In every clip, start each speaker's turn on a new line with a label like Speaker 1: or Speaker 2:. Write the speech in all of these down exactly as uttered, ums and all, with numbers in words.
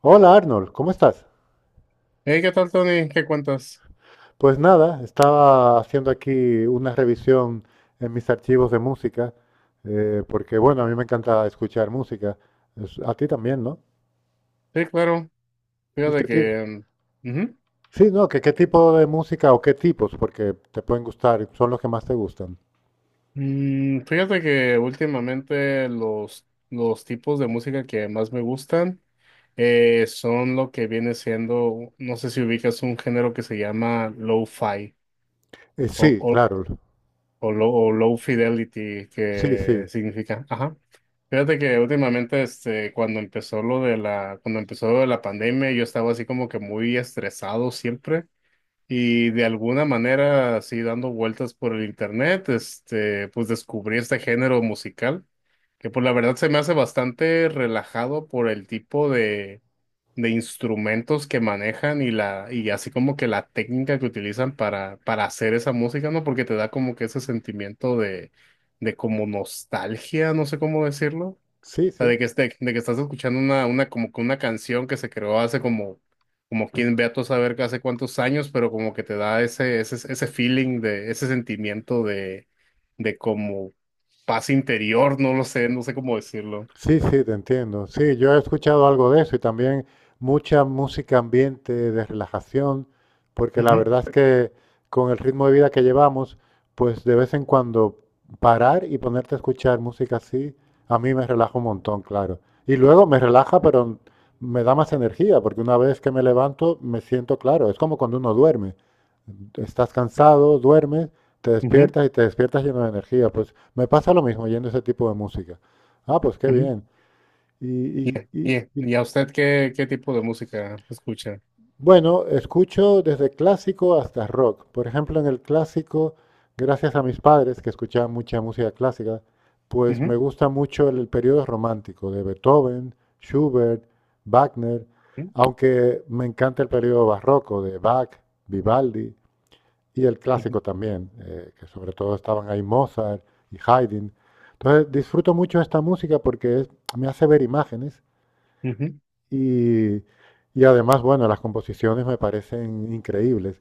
Speaker 1: Hola Arnold, ¿cómo estás?
Speaker 2: Hey, ¿qué tal, Tony? ¿Qué cuentas?
Speaker 1: Pues nada, estaba haciendo aquí una revisión en mis archivos de música, eh, porque bueno, a mí me encanta escuchar música. Es- A ti también, ¿no?
Speaker 2: Sí, claro.
Speaker 1: ¿Y qué
Speaker 2: Fíjate
Speaker 1: tipo?
Speaker 2: que. Mm, ujú.
Speaker 1: Sí, no, que qué tipo de música o qué tipos, porque te pueden gustar, son los que más te gustan.
Speaker 2: Mm, fíjate que últimamente los, los tipos de música que más me gustan eh, son lo que viene siendo, no sé si ubicas un género que se llama lo-fi
Speaker 1: Eh,
Speaker 2: o,
Speaker 1: sí,
Speaker 2: o,
Speaker 1: claro.
Speaker 2: o low, o low fidelity,
Speaker 1: Sí,
Speaker 2: que
Speaker 1: sí.
Speaker 2: significa, ajá. Fíjate que últimamente, este, cuando empezó lo de la, cuando empezó lo de la pandemia, yo estaba así como que muy estresado siempre. Y de alguna manera, así dando vueltas por el internet, este, pues descubrí este género musical, que por la verdad se me hace bastante relajado por el tipo de, de, instrumentos que manejan y la, y así como que la técnica que utilizan para, para, hacer esa música, ¿no? Porque te da como que ese sentimiento de, de como nostalgia, no sé cómo decirlo
Speaker 1: Sí,
Speaker 2: sea,
Speaker 1: sí.
Speaker 2: de que, este, de que estás escuchando una, una, como que una canción que se creó hace como, como quien ve a todo saber que hace cuántos años, pero como que te da ese, ese, ese, feeling de, ese sentimiento de, de como paz interior, no lo sé, no sé cómo decirlo.
Speaker 1: Sí, sí, te entiendo. Sí, yo he escuchado algo de eso y también mucha música ambiente de relajación, porque la
Speaker 2: Ujú,
Speaker 1: verdad es que con el ritmo de vida que llevamos, pues de vez en cuando parar y ponerte a escuchar música así, a mí me relaja un montón, claro. Y luego me relaja, pero me da más energía, porque una vez que me levanto me siento claro. Es como cuando uno duerme. Estás cansado, duermes, te
Speaker 2: ujú,
Speaker 1: despiertas y te despiertas lleno de energía. Pues me pasa lo mismo oyendo ese tipo de música. Ah, pues qué
Speaker 2: ujú.
Speaker 1: bien. Y, y-
Speaker 2: Y,
Speaker 1: y- y,
Speaker 2: y a usted qué, qué, tipo de música escucha?
Speaker 1: bueno, escucho desde clásico hasta rock. Por ejemplo, en el clásico, gracias a mis padres que escuchaban mucha música clásica, pues me
Speaker 2: Ujú,
Speaker 1: gusta mucho el, el periodo romántico de Beethoven, Schubert, Wagner,
Speaker 2: ujú,
Speaker 1: aunque me encanta el periodo barroco de Bach, Vivaldi y el
Speaker 2: ujú,
Speaker 1: clásico también, eh, que sobre todo estaban ahí Mozart y Haydn. Entonces disfruto mucho esta música porque es- me hace ver imágenes.
Speaker 2: ujú.
Speaker 1: Y, y además, bueno, las composiciones me parecen increíbles.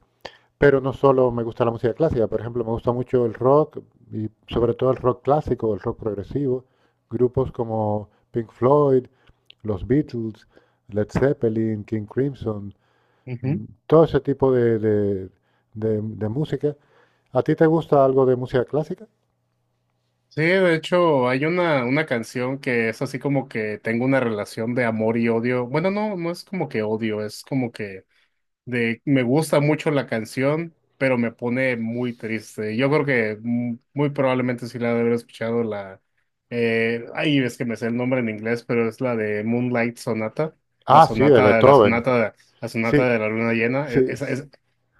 Speaker 1: Pero no solo me gusta la música clásica, por ejemplo, me gusta mucho el rock y sobre todo el rock clásico, el rock progresivo. Grupos como Pink Floyd, los Beatles, Led Zeppelin, King Crimson,
Speaker 2: Ujú.
Speaker 1: mm, todo ese tipo de, de- de- de música. ¿A ti te gusta algo de música clásica?
Speaker 2: Sí, de hecho, hay una, una canción que es así como que tengo una relación de amor y odio. Bueno, no, no es como que odio, es como que de me gusta mucho la canción, pero me pone muy triste. Yo creo que mu- muy probablemente sí la de haber escuchado la eh, ay, es que me sé el nombre en inglés, pero es la de Moonlight Sonata, la
Speaker 1: Ah, sí, de
Speaker 2: sonata, la
Speaker 1: Beethoven.
Speaker 2: sonata, la
Speaker 1: Sí,
Speaker 2: sonata de la luna llena. E-
Speaker 1: sí,
Speaker 2: Esa, es,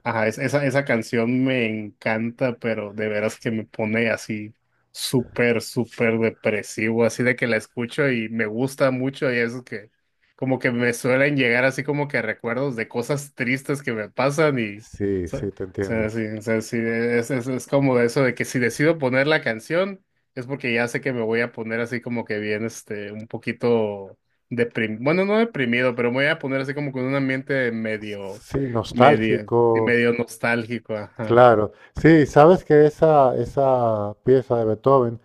Speaker 2: ajá, es- esa, esa canción me encanta, pero de veras que me pone así súper, súper depresivo, así de que la escucho y me gusta mucho y es que como que me suelen llegar así como que recuerdos de cosas tristes que me pasan y, o
Speaker 1: sí,
Speaker 2: sea, o
Speaker 1: sí, te
Speaker 2: sea,
Speaker 1: entiendo.
Speaker 2: sí, o sea, sí, es, es, es como eso de que si decido poner la canción es porque ya sé que me voy a poner así como que bien, este, un poquito deprimido, bueno, no deprimido, pero me voy a poner así como con un ambiente medio,
Speaker 1: Sí,
Speaker 2: medio,
Speaker 1: nostálgico.
Speaker 2: y medio nostálgico, ajá.
Speaker 1: Claro, sí, sabes que esa, esa pieza de Beethoven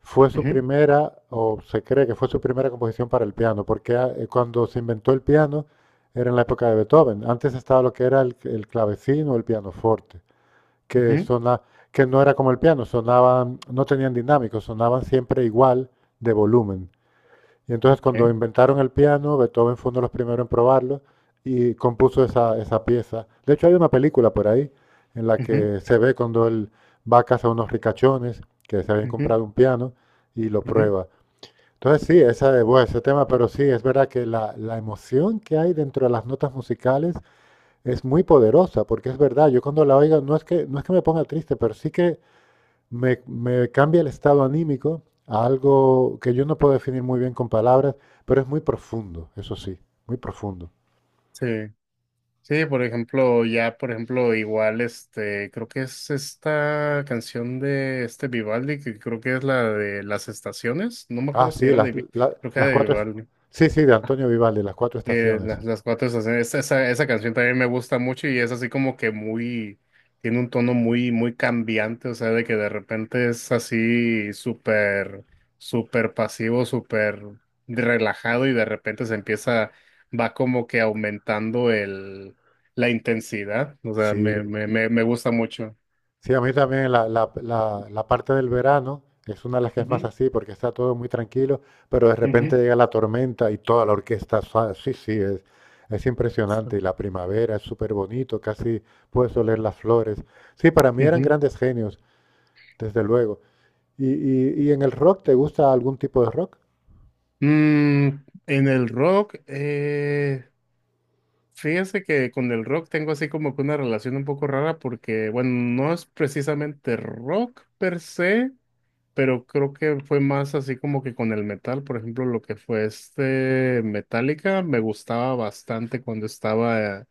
Speaker 1: fue su
Speaker 2: Ujú,
Speaker 1: primera, o se cree que fue su primera composición para el piano, porque ah, eh, cuando se inventó el piano era en la época de Beethoven. Antes estaba lo que era el, el clavecino o el pianoforte, que
Speaker 2: ujú,
Speaker 1: sona- que no era como el piano, sonaban, no tenían dinámico, sonaban siempre igual de volumen. Y entonces cuando
Speaker 2: ok,
Speaker 1: inventaron el piano, Beethoven fue uno de los primeros en probarlo y compuso esa, esa pieza. De hecho, hay una película por ahí en la
Speaker 2: ujú,
Speaker 1: que se ve cuando él va a casa a unos ricachones que se habían
Speaker 2: ujú,
Speaker 1: comprado un piano y lo
Speaker 2: ujú,
Speaker 1: prueba. Entonces sí, esa, bueno, ese tema, pero sí, es verdad que la, la emoción que hay dentro de las notas musicales es muy poderosa, porque es verdad, yo cuando la oigo no es que, no es que me ponga triste, pero sí que me, me cambia el estado anímico a algo que yo no puedo definir muy bien con palabras, pero es muy profundo, eso sí, muy profundo.
Speaker 2: sí. Sí, por ejemplo, ya, por ejemplo, igual, este, creo que es esta canción de este Vivaldi, que creo que es la de las estaciones, no me
Speaker 1: Ah,
Speaker 2: acuerdo si
Speaker 1: sí,
Speaker 2: era
Speaker 1: las,
Speaker 2: de, Vi-
Speaker 1: la-
Speaker 2: creo que
Speaker 1: las
Speaker 2: era de
Speaker 1: cuatro. es-
Speaker 2: Vivaldi.
Speaker 1: Sí, sí, de Antonio Vivaldi, las cuatro
Speaker 2: Eh,
Speaker 1: estaciones.
Speaker 2: las, las cuatro estaciones, esa, esa esa canción también me gusta mucho y es así como que muy, tiene un tono muy, muy cambiante, o sea, de que de repente es así súper, súper pasivo, súper relajado y de repente se empieza, va como que aumentando el, la intensidad, o sea,
Speaker 1: Sí,
Speaker 2: me, me, me, me gusta mucho.
Speaker 1: sí, a mí también la, la- la- la parte del verano es una de las que es más
Speaker 2: Ujú,
Speaker 1: así porque está todo muy tranquilo, pero de repente
Speaker 2: ujú.
Speaker 1: llega la tormenta y toda la orquesta, sa- sí, sí, es, es impresionante. Y la primavera es súper bonito, casi puedes oler las flores. Sí, para mí eran
Speaker 2: Ujú.
Speaker 1: grandes genios. Desde luego. ¿Y, y, y en el rock te gusta algún tipo de rock?
Speaker 2: Mm, en el rock, eh, fíjese que con el rock tengo así como que una relación un poco rara porque, bueno, no es precisamente rock per se, pero creo que fue más así como que con el metal, por ejemplo, lo que fue este Metallica, me gustaba bastante cuando estaba,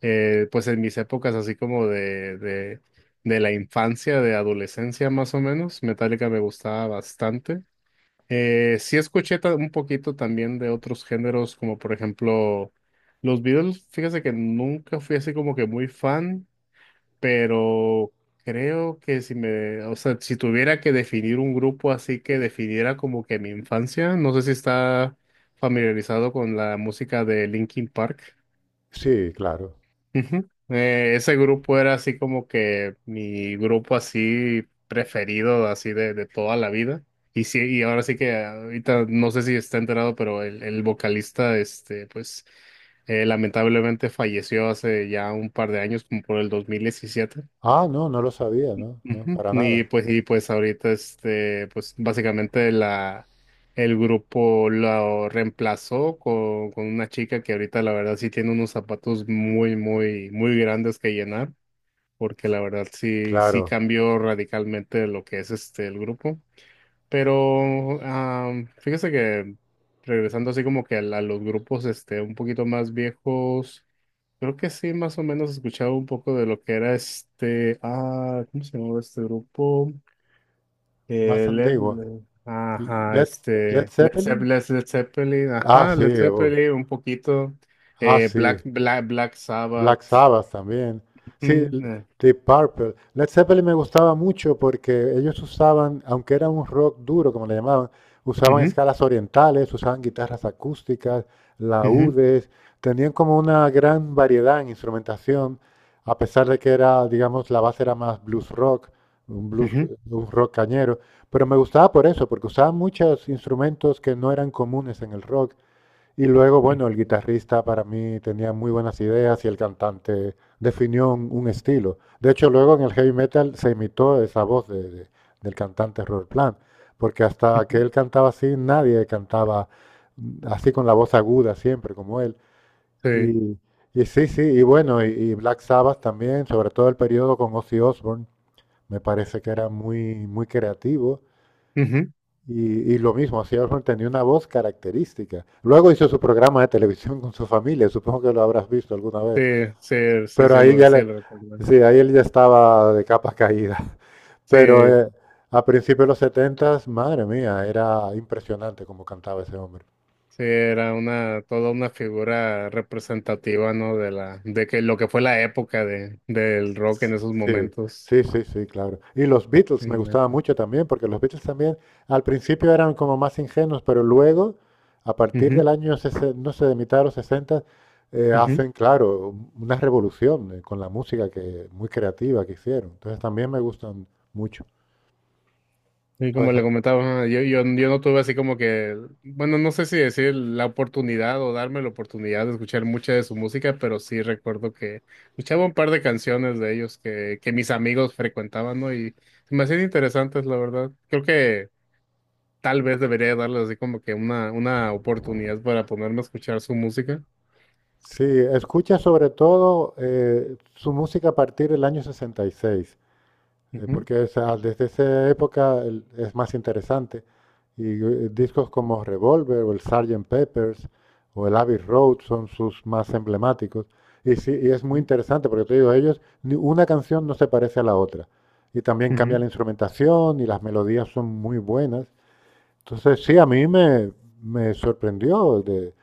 Speaker 2: eh, pues en mis épocas así como de, de, de la infancia, de adolescencia más o menos, Metallica me gustaba bastante. Eh, sí escuché ta- un poquito también de otros géneros, como por ejemplo los Beatles. Fíjese que nunca fui así como que muy fan, pero creo que si me, o sea, si tuviera que definir un grupo así que definiera como que mi infancia, no sé si está familiarizado con la música de Linkin Park.
Speaker 1: Sí, claro.
Speaker 2: Ujú. Eh, ese grupo era así como que mi grupo así preferido, así de, de toda la vida. Y sí, y ahora sí que ahorita no sé si está enterado, pero el, el, vocalista, este, pues eh, lamentablemente falleció hace ya un par de años, como por el dos mil diecisiete.
Speaker 1: Ah, no, no lo sabía, no, no,
Speaker 2: Ujú.
Speaker 1: para
Speaker 2: Y
Speaker 1: nada.
Speaker 2: pues, y pues ahorita este, pues básicamente la, el grupo lo reemplazó con, con una chica que ahorita la verdad sí tiene unos zapatos muy, muy, muy grandes que llenar, porque la verdad sí, sí
Speaker 1: Claro,
Speaker 2: cambió radicalmente lo que es este el grupo. Pero am, fíjese que regresando así como que a, la- los grupos este un poquito más viejos, creo que sí más o menos escuchaba un poco de lo que era este, ah, ¿cómo se llamaba este grupo?
Speaker 1: más
Speaker 2: Eh, Led,
Speaker 1: antiguo.
Speaker 2: ajá,
Speaker 1: Led, Led
Speaker 2: este, Led
Speaker 1: Zeppelin?
Speaker 2: Zeppelin, Led, Led Zeppelin,
Speaker 1: Ah,
Speaker 2: ajá,
Speaker 1: sí,
Speaker 2: Led
Speaker 1: oh.
Speaker 2: Zeppelin, un poquito,
Speaker 1: Ah,
Speaker 2: eh, Black,
Speaker 1: sí.
Speaker 2: Black, Black Sabbath,
Speaker 1: Black Sabbath también. Sí,
Speaker 2: ujú,
Speaker 1: l-
Speaker 2: eh,
Speaker 1: Deep Purple. Led Zeppelin me gustaba mucho porque ellos usaban, aunque era un rock duro, como le llamaban, usaban
Speaker 2: ujú,
Speaker 1: escalas orientales, usaban guitarras acústicas,
Speaker 2: ujú,
Speaker 1: laúdes, tenían como una gran variedad en instrumentación, a pesar de que era, digamos, la base era más blues rock, un blues,
Speaker 2: ujú,
Speaker 1: un rock cañero. Pero me gustaba por eso, porque usaban muchos instrumentos que no eran comunes en el rock y luego, bueno, el guitarrista para mí tenía muy buenas ideas y el cantante definió un, un estilo. De hecho, luego en el heavy metal se imitó esa voz de- de- del cantante Robert Plant, porque hasta que
Speaker 2: ujú,
Speaker 1: él cantaba así, nadie cantaba mm, así con la voz aguda siempre como él.
Speaker 2: sí,
Speaker 1: Y, y sí, sí, y bueno, y, y Black Sabbath también, sobre todo el periodo con Ozzy Osbourne, me parece que era muy, muy creativo
Speaker 2: ujú,
Speaker 1: y, y lo mismo, hacía Osborne tenía una voz característica. Luego hizo su programa de televisión con su familia, supongo que lo habrás visto alguna
Speaker 2: sí,
Speaker 1: vez.
Speaker 2: sí, sí,
Speaker 1: Pero
Speaker 2: sí,
Speaker 1: ahí
Speaker 2: lo,
Speaker 1: ya
Speaker 2: sí,
Speaker 1: le,
Speaker 2: lo recuerdo.
Speaker 1: sí, ahí él ya estaba de capa caída. Pero
Speaker 2: Sí,
Speaker 1: eh, a principios de los setenta, madre mía, era impresionante como cantaba ese hombre.
Speaker 2: sí, era una, toda una figura representativa, ¿no? De la, de que lo que fue la época de, del rock en esos
Speaker 1: Sí,
Speaker 2: momentos,
Speaker 1: sí, sí, sí, claro. Y los Beatles me
Speaker 2: sí,
Speaker 1: gustaban
Speaker 2: neta.
Speaker 1: mucho también, porque los Beatles también al principio eran como más ingenuos, pero luego, a partir del
Speaker 2: Ujú,
Speaker 1: año, sesen- no sé, de mitad de los sesenta, eh,
Speaker 2: ujú.
Speaker 1: hacen, claro, un- una revolución eh, con la música que, muy creativa que hicieron. Entonces también me gustan mucho.
Speaker 2: Y como le
Speaker 1: Entonces,
Speaker 2: comentaba, ajá, yo, yo, yo no tuve así como que, bueno, no sé si decir la oportunidad o darme la oportunidad de escuchar mucha de su música, pero sí recuerdo que escuchaba un par de canciones de ellos que, que, mis amigos frecuentaban, ¿no? Y se me hacían interesantes, la verdad. Creo que tal vez debería darles así como que una, una oportunidad para ponerme a escuchar su música.
Speaker 1: sí, escucha sobre todo eh, su música a partir del año sesenta y seis, eh,
Speaker 2: Ujú,
Speaker 1: porque esa- desde esa época el- es más interesante. Y eh, discos como Revolver o el sergeant Peppers o el Abbey Road son sus más emblemáticos. Y sí, y es muy
Speaker 2: ujú,
Speaker 1: interesante porque te digo, ellos, ni una canción no se parece a la otra. Y también cambia
Speaker 2: ujú.
Speaker 1: la instrumentación y las melodías son muy buenas. Entonces, sí, a mí me, me sorprendió de,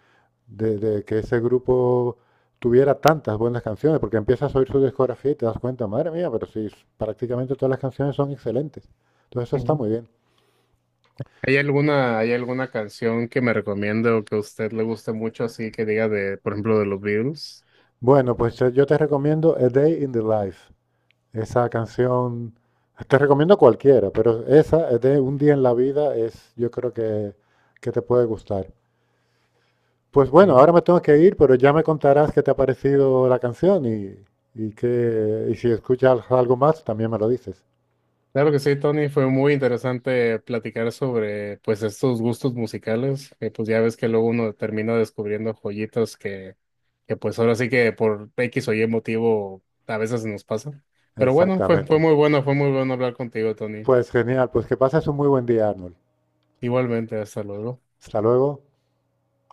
Speaker 1: de, de que ese grupo tuviera tantas buenas canciones, porque empiezas a oír su discografía y te das cuenta, madre mía, pero sí, prácticamente todas las canciones son excelentes. Entonces eso está
Speaker 2: Ujú.
Speaker 1: muy bien.
Speaker 2: ¿Hay alguna, hay alguna canción que me recomiende o que a usted le guste mucho, así que diga de, por ejemplo, de los Beatles?
Speaker 1: Bueno, pues yo te recomiendo A Day in the Life. Esa canción, te recomiendo cualquiera, pero esa, de Un día en la vida, es yo creo que, que te puede gustar. Pues bueno, ahora me tengo que ir, pero ya me contarás qué te ha parecido la canción y, y, que, y si escuchas algo más, también me lo dices.
Speaker 2: Claro que sí, Tony, fue muy interesante platicar sobre pues estos gustos musicales, que pues ya ves que luego uno termina descubriendo joyitas que, que pues ahora sí que por X o Y motivo a veces nos pasa. Pero bueno, fue,
Speaker 1: Exactamente.
Speaker 2: fue muy bueno, fue muy bueno hablar contigo, Tony.
Speaker 1: Pues genial, pues que pases un muy buen día, Arnold.
Speaker 2: Igualmente, hasta luego.
Speaker 1: Hasta luego.